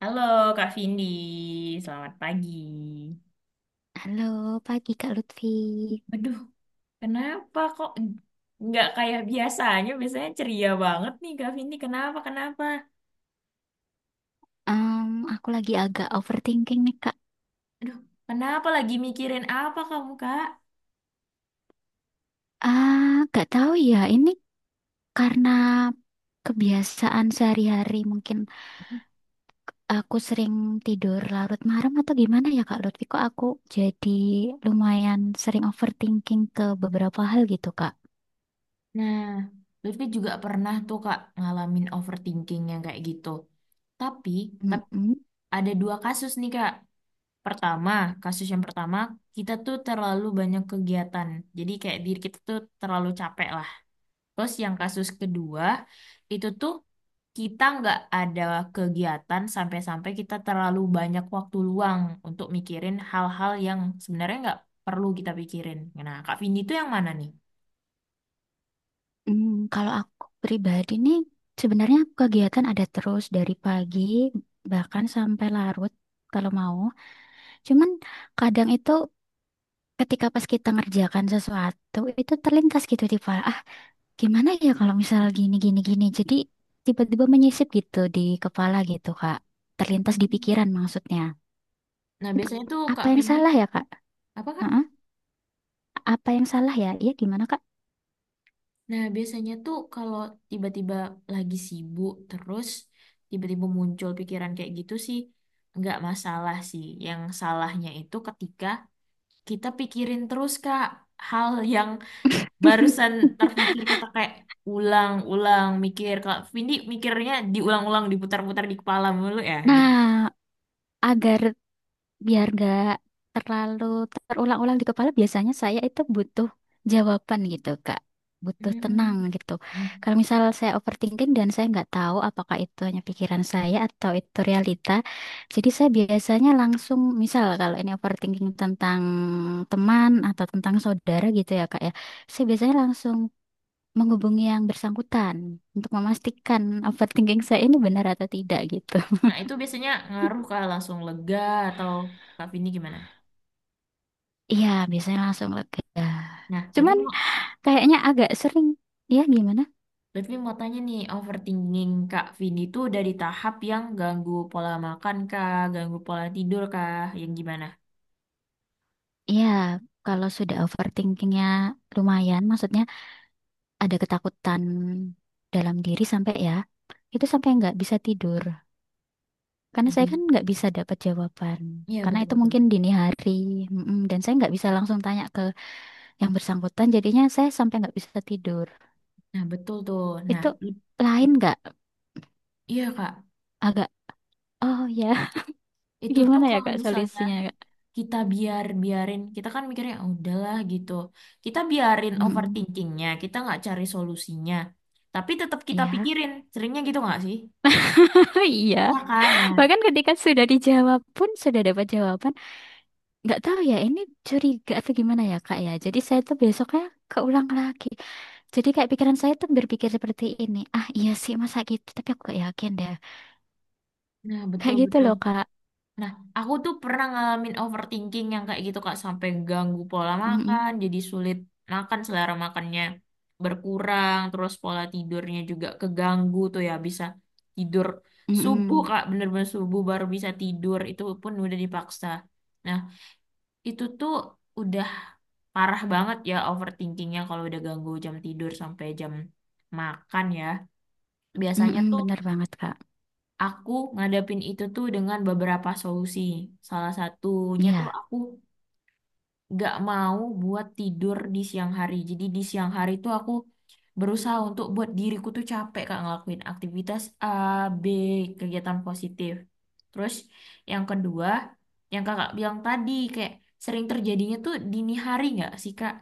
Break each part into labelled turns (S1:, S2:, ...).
S1: Halo Kak Vindi, selamat pagi.
S2: Halo, pagi Kak Lutfi.
S1: Aduh, kenapa kok nggak kayak biasanya? Biasanya ceria banget nih Kak Vindi. Kenapa, kenapa?
S2: Em, aku lagi agak overthinking nih Kak.
S1: Aduh, kenapa lagi mikirin apa kamu Kak?
S2: Ah, gak tahu ya. Ini karena kebiasaan sehari-hari mungkin aku sering tidur larut malam atau gimana ya Kak Lutfi? Kok aku jadi lumayan sering overthinking ke beberapa hal gitu Kak.
S1: Nah, Lutfi juga pernah tuh Kak ngalamin overthinking yang kayak gitu. Tapi, tapi,
S2: Mm-mm.
S1: ada dua kasus nih Kak. Pertama, kasus yang pertama, kita tuh terlalu banyak kegiatan. Jadi kayak diri kita tuh terlalu capek lah. Terus yang kasus kedua itu tuh kita nggak ada kegiatan sampai-sampai kita terlalu banyak waktu luang untuk mikirin hal-hal yang sebenarnya nggak perlu kita pikirin. Nah, Kak Vindi itu yang mana nih?
S2: Kalau aku pribadi nih, sebenarnya aku kegiatan ada terus dari pagi bahkan sampai larut kalau mau. Cuman kadang itu ketika pas kita ngerjakan sesuatu itu terlintas gitu di kepala, ah gimana ya kalau misal gini gini gini, jadi tiba-tiba menyisip gitu di kepala gitu kak. Terlintas di
S1: Hmm.
S2: pikiran, maksudnya.
S1: Nah,
S2: Itu
S1: biasanya tuh
S2: apa
S1: Kak
S2: yang
S1: Vindi,
S2: salah ya kak?
S1: apa Kak?
S2: Heeh. Apa yang salah ya, iya gimana kak?
S1: Nah, biasanya tuh kalau tiba-tiba lagi sibuk terus tiba-tiba muncul pikiran kayak gitu sih nggak masalah sih. Yang salahnya itu ketika kita pikirin terus Kak hal yang barusan terpikir, kita kayak ulang-ulang mikir. Kalau Vindi mikirnya diulang-ulang diputar-putar di kepala mulu ya gitu.
S2: Nah, agar biar gak terlalu terulang-ulang di kepala, biasanya saya itu butuh jawaban gitu Kak, butuh
S1: Hmm.
S2: tenang gitu.
S1: Hmm.
S2: Kalau misal saya overthinking dan saya nggak tahu apakah itu hanya pikiran saya atau itu realita, jadi saya biasanya langsung misal kalau ini overthinking tentang teman atau tentang saudara gitu ya Kak ya, saya biasanya langsung menghubungi yang bersangkutan untuk memastikan overthinking saya ini benar atau tidak gitu.
S1: Nah itu biasanya ngaruh ke langsung lega atau Kak Vindi gimana?
S2: Iya, biasanya langsung lega.
S1: Nah,
S2: Cuman kayaknya agak sering. Ya, gimana?
S1: berarti mau tanya nih, overthinking Kak Vindi itu dari tahap yang ganggu pola makan kah, ganggu pola tidur kah, yang gimana?
S2: Ya, kalau sudah overthinkingnya lumayan, maksudnya ada ketakutan dalam diri sampai ya, itu sampai nggak bisa tidur. Karena saya kan
S1: Lebih.
S2: nggak bisa dapat jawaban.
S1: Iya
S2: Karena
S1: betul
S2: itu
S1: betul.
S2: mungkin dini hari, mm-mm, dan saya nggak bisa langsung tanya ke yang bersangkutan. Jadinya saya sampai nggak bisa tidur.
S1: Nah betul tuh. Nah,
S2: Itu
S1: i-
S2: lain nggak?
S1: Iya Kak,
S2: Agak, oh ya,
S1: itu tuh
S2: gimana ya
S1: kalau
S2: Kak
S1: misalnya
S2: solusinya? Kak?
S1: kita biar biarin, kita kan mikirnya, "Ah, udahlah gitu, kita biarin
S2: Mm-mm.
S1: overthinkingnya, kita nggak cari solusinya tapi tetap kita
S2: Iya,
S1: pikirin seringnya." Gitu nggak sih?
S2: iya.
S1: Ya kan? nah
S2: Bahkan ketika sudah dijawab pun sudah dapat jawaban. Nggak tahu ya, ini curiga atau gimana ya kak ya, jadi saya tuh besoknya keulang lagi, jadi kayak pikiran saya tuh berpikir seperti ini, ah iya sih masa gitu tapi aku gak yakin deh,
S1: nah
S2: kayak
S1: betul
S2: gitu
S1: betul.
S2: loh kak.
S1: Nah, aku tuh pernah ngalamin overthinking yang kayak gitu Kak, sampai ganggu pola
S2: mm
S1: makan jadi sulit makan, selera makannya berkurang. Terus pola tidurnya juga keganggu tuh, ya bisa tidur subuh Kak, bener-bener subuh baru bisa tidur, itu pun udah dipaksa. Nah itu tuh udah parah banget ya overthinkingnya, kalau udah ganggu jam tidur sampai jam makan ya. Biasanya tuh
S2: Bener banget kak.
S1: aku ngadepin itu tuh dengan beberapa solusi. Salah satunya tuh
S2: Iya,
S1: aku gak mau buat tidur di siang hari. Jadi di siang hari tuh aku berusaha untuk buat diriku tuh capek Kak, ngelakuin aktivitas A, B, kegiatan positif. Terus yang kedua, yang kakak bilang tadi kayak sering terjadinya tuh dini hari nggak sih Kak?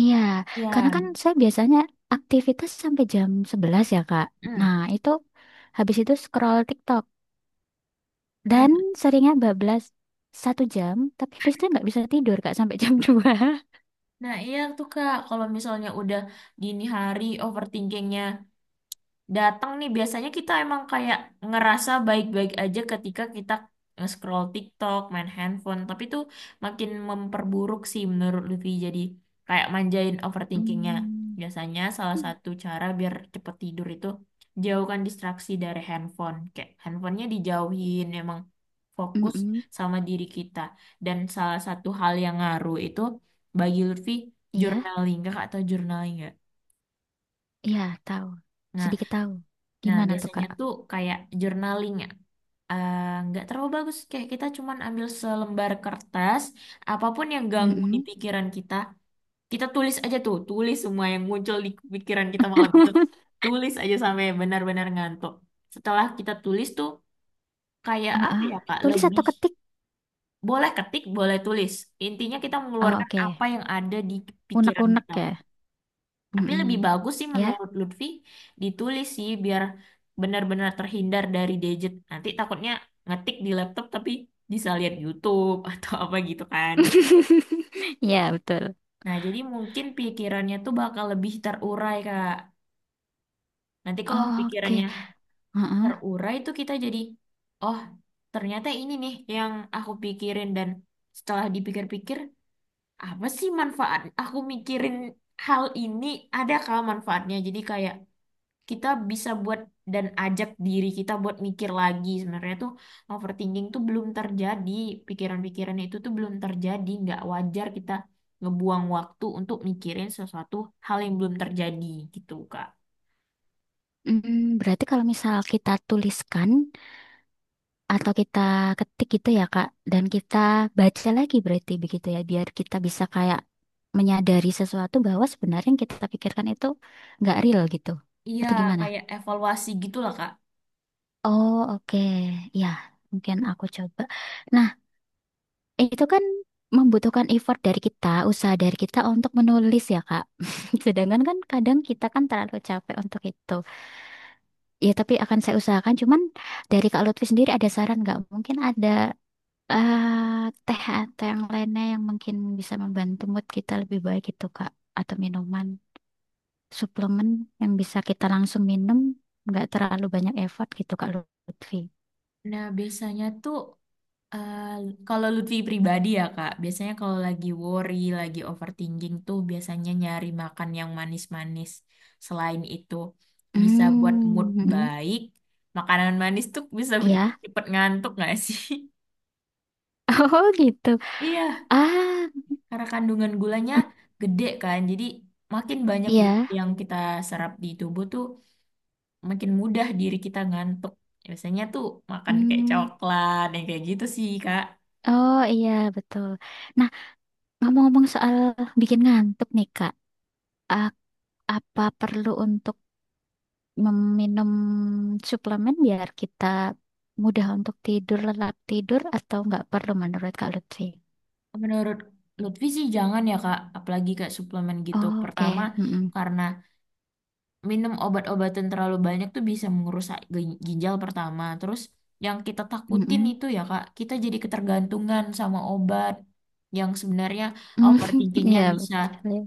S2: iya, karena kan
S1: Ya,
S2: saya biasanya aktivitas sampai jam 11 ya kak. Nah
S1: mm.
S2: itu, habis itu scroll TikTok
S1: Nah,
S2: dan seringnya bablas 1 jam, tapi habis itu nggak bisa tidur kak sampai jam 2.
S1: nah iya tuh Kak, kalau misalnya udah dini hari overthinkingnya datang nih, biasanya kita emang kayak ngerasa baik-baik aja ketika kita scroll TikTok, main handphone, tapi tuh makin memperburuk sih menurut Lutfi. Jadi kayak manjain overthinkingnya.
S2: Mm,
S1: Biasanya salah satu cara biar cepet tidur itu jauhkan distraksi dari handphone. Kayak handphonenya dijauhin, emang fokus
S2: mm.
S1: sama diri kita. Dan salah satu hal yang ngaruh itu bagi Lutfi
S2: Iya.
S1: journaling. Kakak atau journaling
S2: Iya, tahu.
S1: nggak?
S2: Sedikit tahu.
S1: Nah,
S2: Gimana tuh,
S1: biasanya
S2: Kak?
S1: tuh kayak journaling ya. Eh, nggak terlalu bagus, kayak kita cuman ambil selembar kertas, apapun yang ganggu di
S2: Mm-mm.
S1: pikiran kita kita tulis aja tuh, tulis semua yang muncul di pikiran kita malam itu, tulis aja sampai benar-benar ngantuk. Setelah kita tulis tuh kayak
S2: Ah,
S1: apa
S2: ah.
S1: ya Kak,
S2: Tulis
S1: lebih
S2: atau ketik?
S1: boleh ketik boleh tulis, intinya kita
S2: Oh,
S1: mengeluarkan
S2: oke.
S1: apa yang ada di pikiran
S2: Unek-unek
S1: kita.
S2: ya.
S1: Tapi lebih
S2: Mm-mm.
S1: bagus sih
S2: Ya.
S1: menurut Lutfi ditulis sih, biar benar-benar terhindar dari gadget. Nanti takutnya ngetik di laptop tapi bisa lihat YouTube atau apa gitu kan.
S2: Ya, betul.
S1: Nah, jadi mungkin pikirannya tuh bakal lebih terurai, Kak. Nanti kalau
S2: Oke.
S1: pikirannya
S2: Heeh.
S1: terurai tuh kita jadi, oh ternyata ini nih yang aku pikirin, dan setelah dipikir-pikir, apa sih manfaat aku mikirin hal ini? Ada kah manfaatnya? Jadi kayak kita bisa buat dan ajak diri kita buat mikir lagi, sebenarnya tuh overthinking tuh belum terjadi, pikiran-pikiran itu tuh belum terjadi, nggak wajar kita ngebuang waktu untuk mikirin sesuatu hal yang belum terjadi gitu Kak.
S2: Berarti kalau misal kita tuliskan atau kita ketik gitu ya, Kak, dan kita baca lagi berarti begitu ya, biar kita bisa kayak menyadari sesuatu bahwa sebenarnya yang kita pikirkan itu nggak real gitu.
S1: Iya,
S2: Atau gimana?
S1: kayak evaluasi gitulah Kak.
S2: Oh, oke. Ya, mungkin aku coba. Nah, itu kan membutuhkan effort dari kita, usaha dari kita untuk menulis ya, Kak. Sedangkan kan kadang kita kan terlalu capek untuk itu. Ya, tapi akan saya usahakan. Cuman dari Kak Lutfi sendiri ada saran nggak? Mungkin ada, eh, teh atau yang lainnya yang mungkin bisa membantu mood kita lebih baik gitu, Kak. Atau minuman, suplemen yang bisa kita langsung minum, nggak terlalu banyak effort gitu, Kak Lutfi.
S1: Nah biasanya tuh, eh, kalau Lutfi pribadi ya Kak, biasanya kalau lagi worry, lagi overthinking tuh biasanya nyari makan yang manis-manis. Selain itu bisa buat mood
S2: Hmm, mm, mm.
S1: baik. Makanan manis tuh bisa bikin
S2: Ya,
S1: cepet ngantuk nggak sih?
S2: oh gitu.
S1: Iya,
S2: Ah,
S1: karena kandungan gulanya
S2: mm,
S1: gede kan. Jadi makin banyak gula
S2: iya.
S1: yang kita serap di tubuh tuh makin mudah diri kita ngantuk. Biasanya tuh makan kayak
S2: Hmm.
S1: coklat yang kayak gitu sih Kak.
S2: Oh iya, betul. Nah, ngomong-ngomong soal bikin ngantuk nih, Kak. A- Apa perlu untuk meminum suplemen biar kita mudah untuk tidur, lelap tidur, atau nggak perlu menurut Kak Lutfi?
S1: Menurut Lutfi sih jangan ya Kak, apalagi kayak suplemen gitu.
S2: Oh,
S1: Pertama,
S2: oke. Mm-mm.
S1: karena minum obat-obatan terlalu banyak tuh bisa merusak ginjal, pertama. Terus yang kita takutin
S2: Mm-mm.
S1: itu ya Kak, kita jadi ketergantungan sama obat, yang sebenarnya
S2: Mm,
S1: overthinkingnya
S2: iya,
S1: bisa
S2: betul. Ya.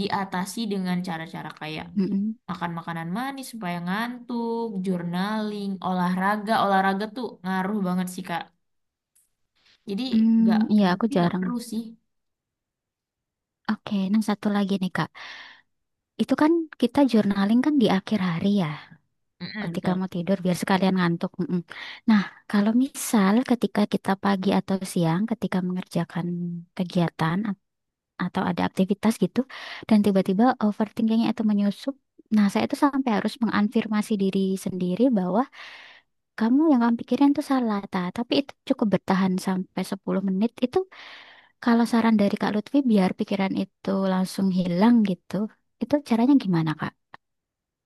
S1: diatasi dengan cara-cara kayak
S2: Mm-mm.
S1: makan makanan manis supaya ngantuk, journaling, olahraga. Olahraga tuh ngaruh banget sih Kak. Jadi nggak,
S2: Hmm, iya,
S1: menurut
S2: aku
S1: Lutfi nggak
S2: jarang.
S1: perlu sih.
S2: Oke, nah satu lagi nih, Kak. Itu kan kita journaling kan di akhir hari ya.
S1: Mm-mm,
S2: Ketika
S1: betul.
S2: mau tidur biar sekalian ngantuk. Mm-mm. Nah, kalau misal ketika kita pagi atau siang, ketika mengerjakan kegiatan atau ada aktivitas gitu, dan tiba-tiba overthinkingnya itu menyusup, nah saya itu sampai harus mengafirmasi diri sendiri bahwa kamu, yang kamu pikirin itu salah, Ta. Tapi itu cukup bertahan sampai 10 menit, itu kalau saran dari Kak Lutfi biar pikiran itu langsung hilang gitu, itu caranya gimana Kak?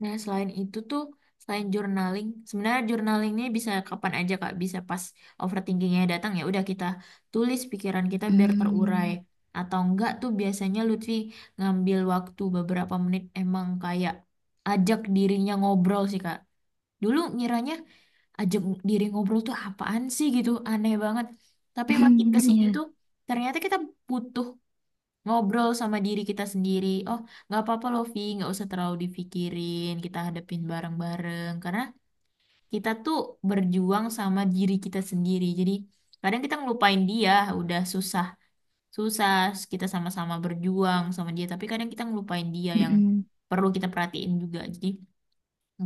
S1: Nah, selain journaling, sebenarnya journaling ini bisa kapan aja Kak, bisa pas overthinkingnya datang, ya udah kita tulis pikiran kita biar terurai.
S2: Hmm,
S1: Atau enggak tuh biasanya Lutfi ngambil waktu beberapa menit, emang kayak ajak dirinya ngobrol sih Kak. Dulu ngiranya ajak diri ngobrol tuh apaan sih gitu, aneh banget. Tapi makin ke sini
S2: iya.
S1: tuh ternyata kita butuh ngobrol sama diri kita sendiri. Oh, nggak apa-apa loh, Vi, nggak usah terlalu dipikirin. Kita hadapin bareng-bareng, karena kita tuh berjuang sama diri kita sendiri. Jadi kadang kita ngelupain dia, udah susah, susah. Kita sama-sama berjuang sama dia, tapi kadang kita ngelupain dia yang
S2: Mm-mm.
S1: perlu kita perhatiin juga. Jadi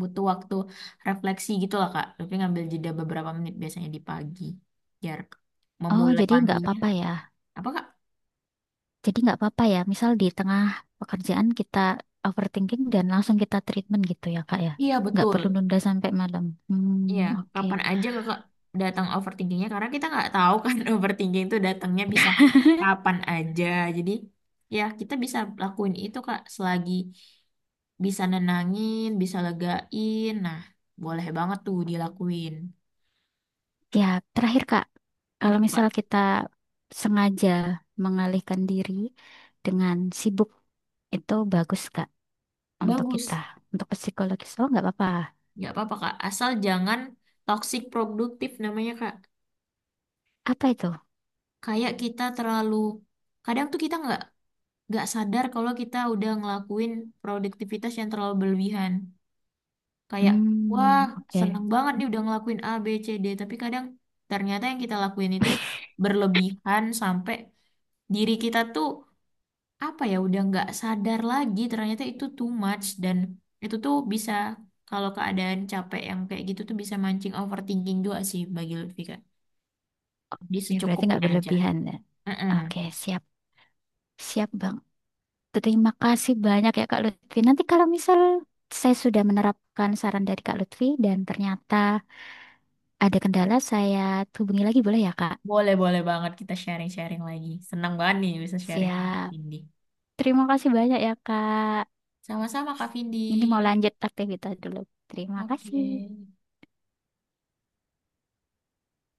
S1: butuh waktu refleksi gitu lah, Kak. Tapi ngambil jeda beberapa menit biasanya di pagi, biar
S2: Oh,
S1: memulai
S2: jadi nggak
S1: paginya.
S2: apa-apa ya.
S1: Apa, Kak?
S2: Jadi nggak apa-apa ya. Misal di tengah pekerjaan kita overthinking dan langsung kita treatment gitu ya, Kak ya.
S1: Iya,
S2: Nggak perlu
S1: betul.
S2: nunda sampai malam. Hmm,
S1: Iya,
S2: oke.
S1: kapan aja kakak datang overthinkingnya, karena kita nggak tahu kan overthinking itu datangnya bisa kapan aja. Jadi ya kita bisa lakuin itu Kak selagi bisa nenangin, bisa legain. Nah, boleh banget tuh dilakuin.
S2: Ya, terakhir Kak, kalau
S1: Apa tuh Kak?
S2: misal kita sengaja mengalihkan diri dengan sibuk, itu bagus Kak untuk kita,
S1: Bagus.
S2: untuk psikologis. Oh, nggak apa-apa.
S1: Nggak apa-apa Kak, asal jangan toxic produktif namanya Kak.
S2: Apa itu?
S1: Kayak kita terlalu, kadang tuh kita nggak sadar kalau kita udah ngelakuin produktivitas yang terlalu berlebihan. Kayak, wah,
S2: Hmm, oke.
S1: seneng banget
S2: Hmm,
S1: nih udah ngelakuin A, B, C, D. Tapi kadang ternyata yang kita lakuin itu berlebihan sampai diri kita tuh, apa ya, udah nggak sadar lagi ternyata itu too much, dan itu tuh bisa, kalau keadaan capek yang kayak gitu tuh bisa mancing overthinking juga sih bagi Lutfi Kak. Di
S2: ya, berarti
S1: secukupnya
S2: nggak
S1: aja.
S2: berlebihan ya.
S1: Mm-mm.
S2: Oke, siap. Siap, Bang. Terima kasih banyak ya Kak Lutfi. Nanti kalau misal saya sudah menerapkan saran dari Kak Lutfi dan ternyata ada kendala, saya hubungi lagi boleh ya Kak?
S1: Boleh, boleh banget kita sharing-sharing lagi. Senang banget nih bisa sharing sama Kak
S2: Siap.
S1: Vindi.
S2: Terima kasih banyak ya Kak.
S1: Sama-sama Kak Vindi.
S2: Ini mau lanjut aktivitas dulu. Terima
S1: Oke.
S2: kasih.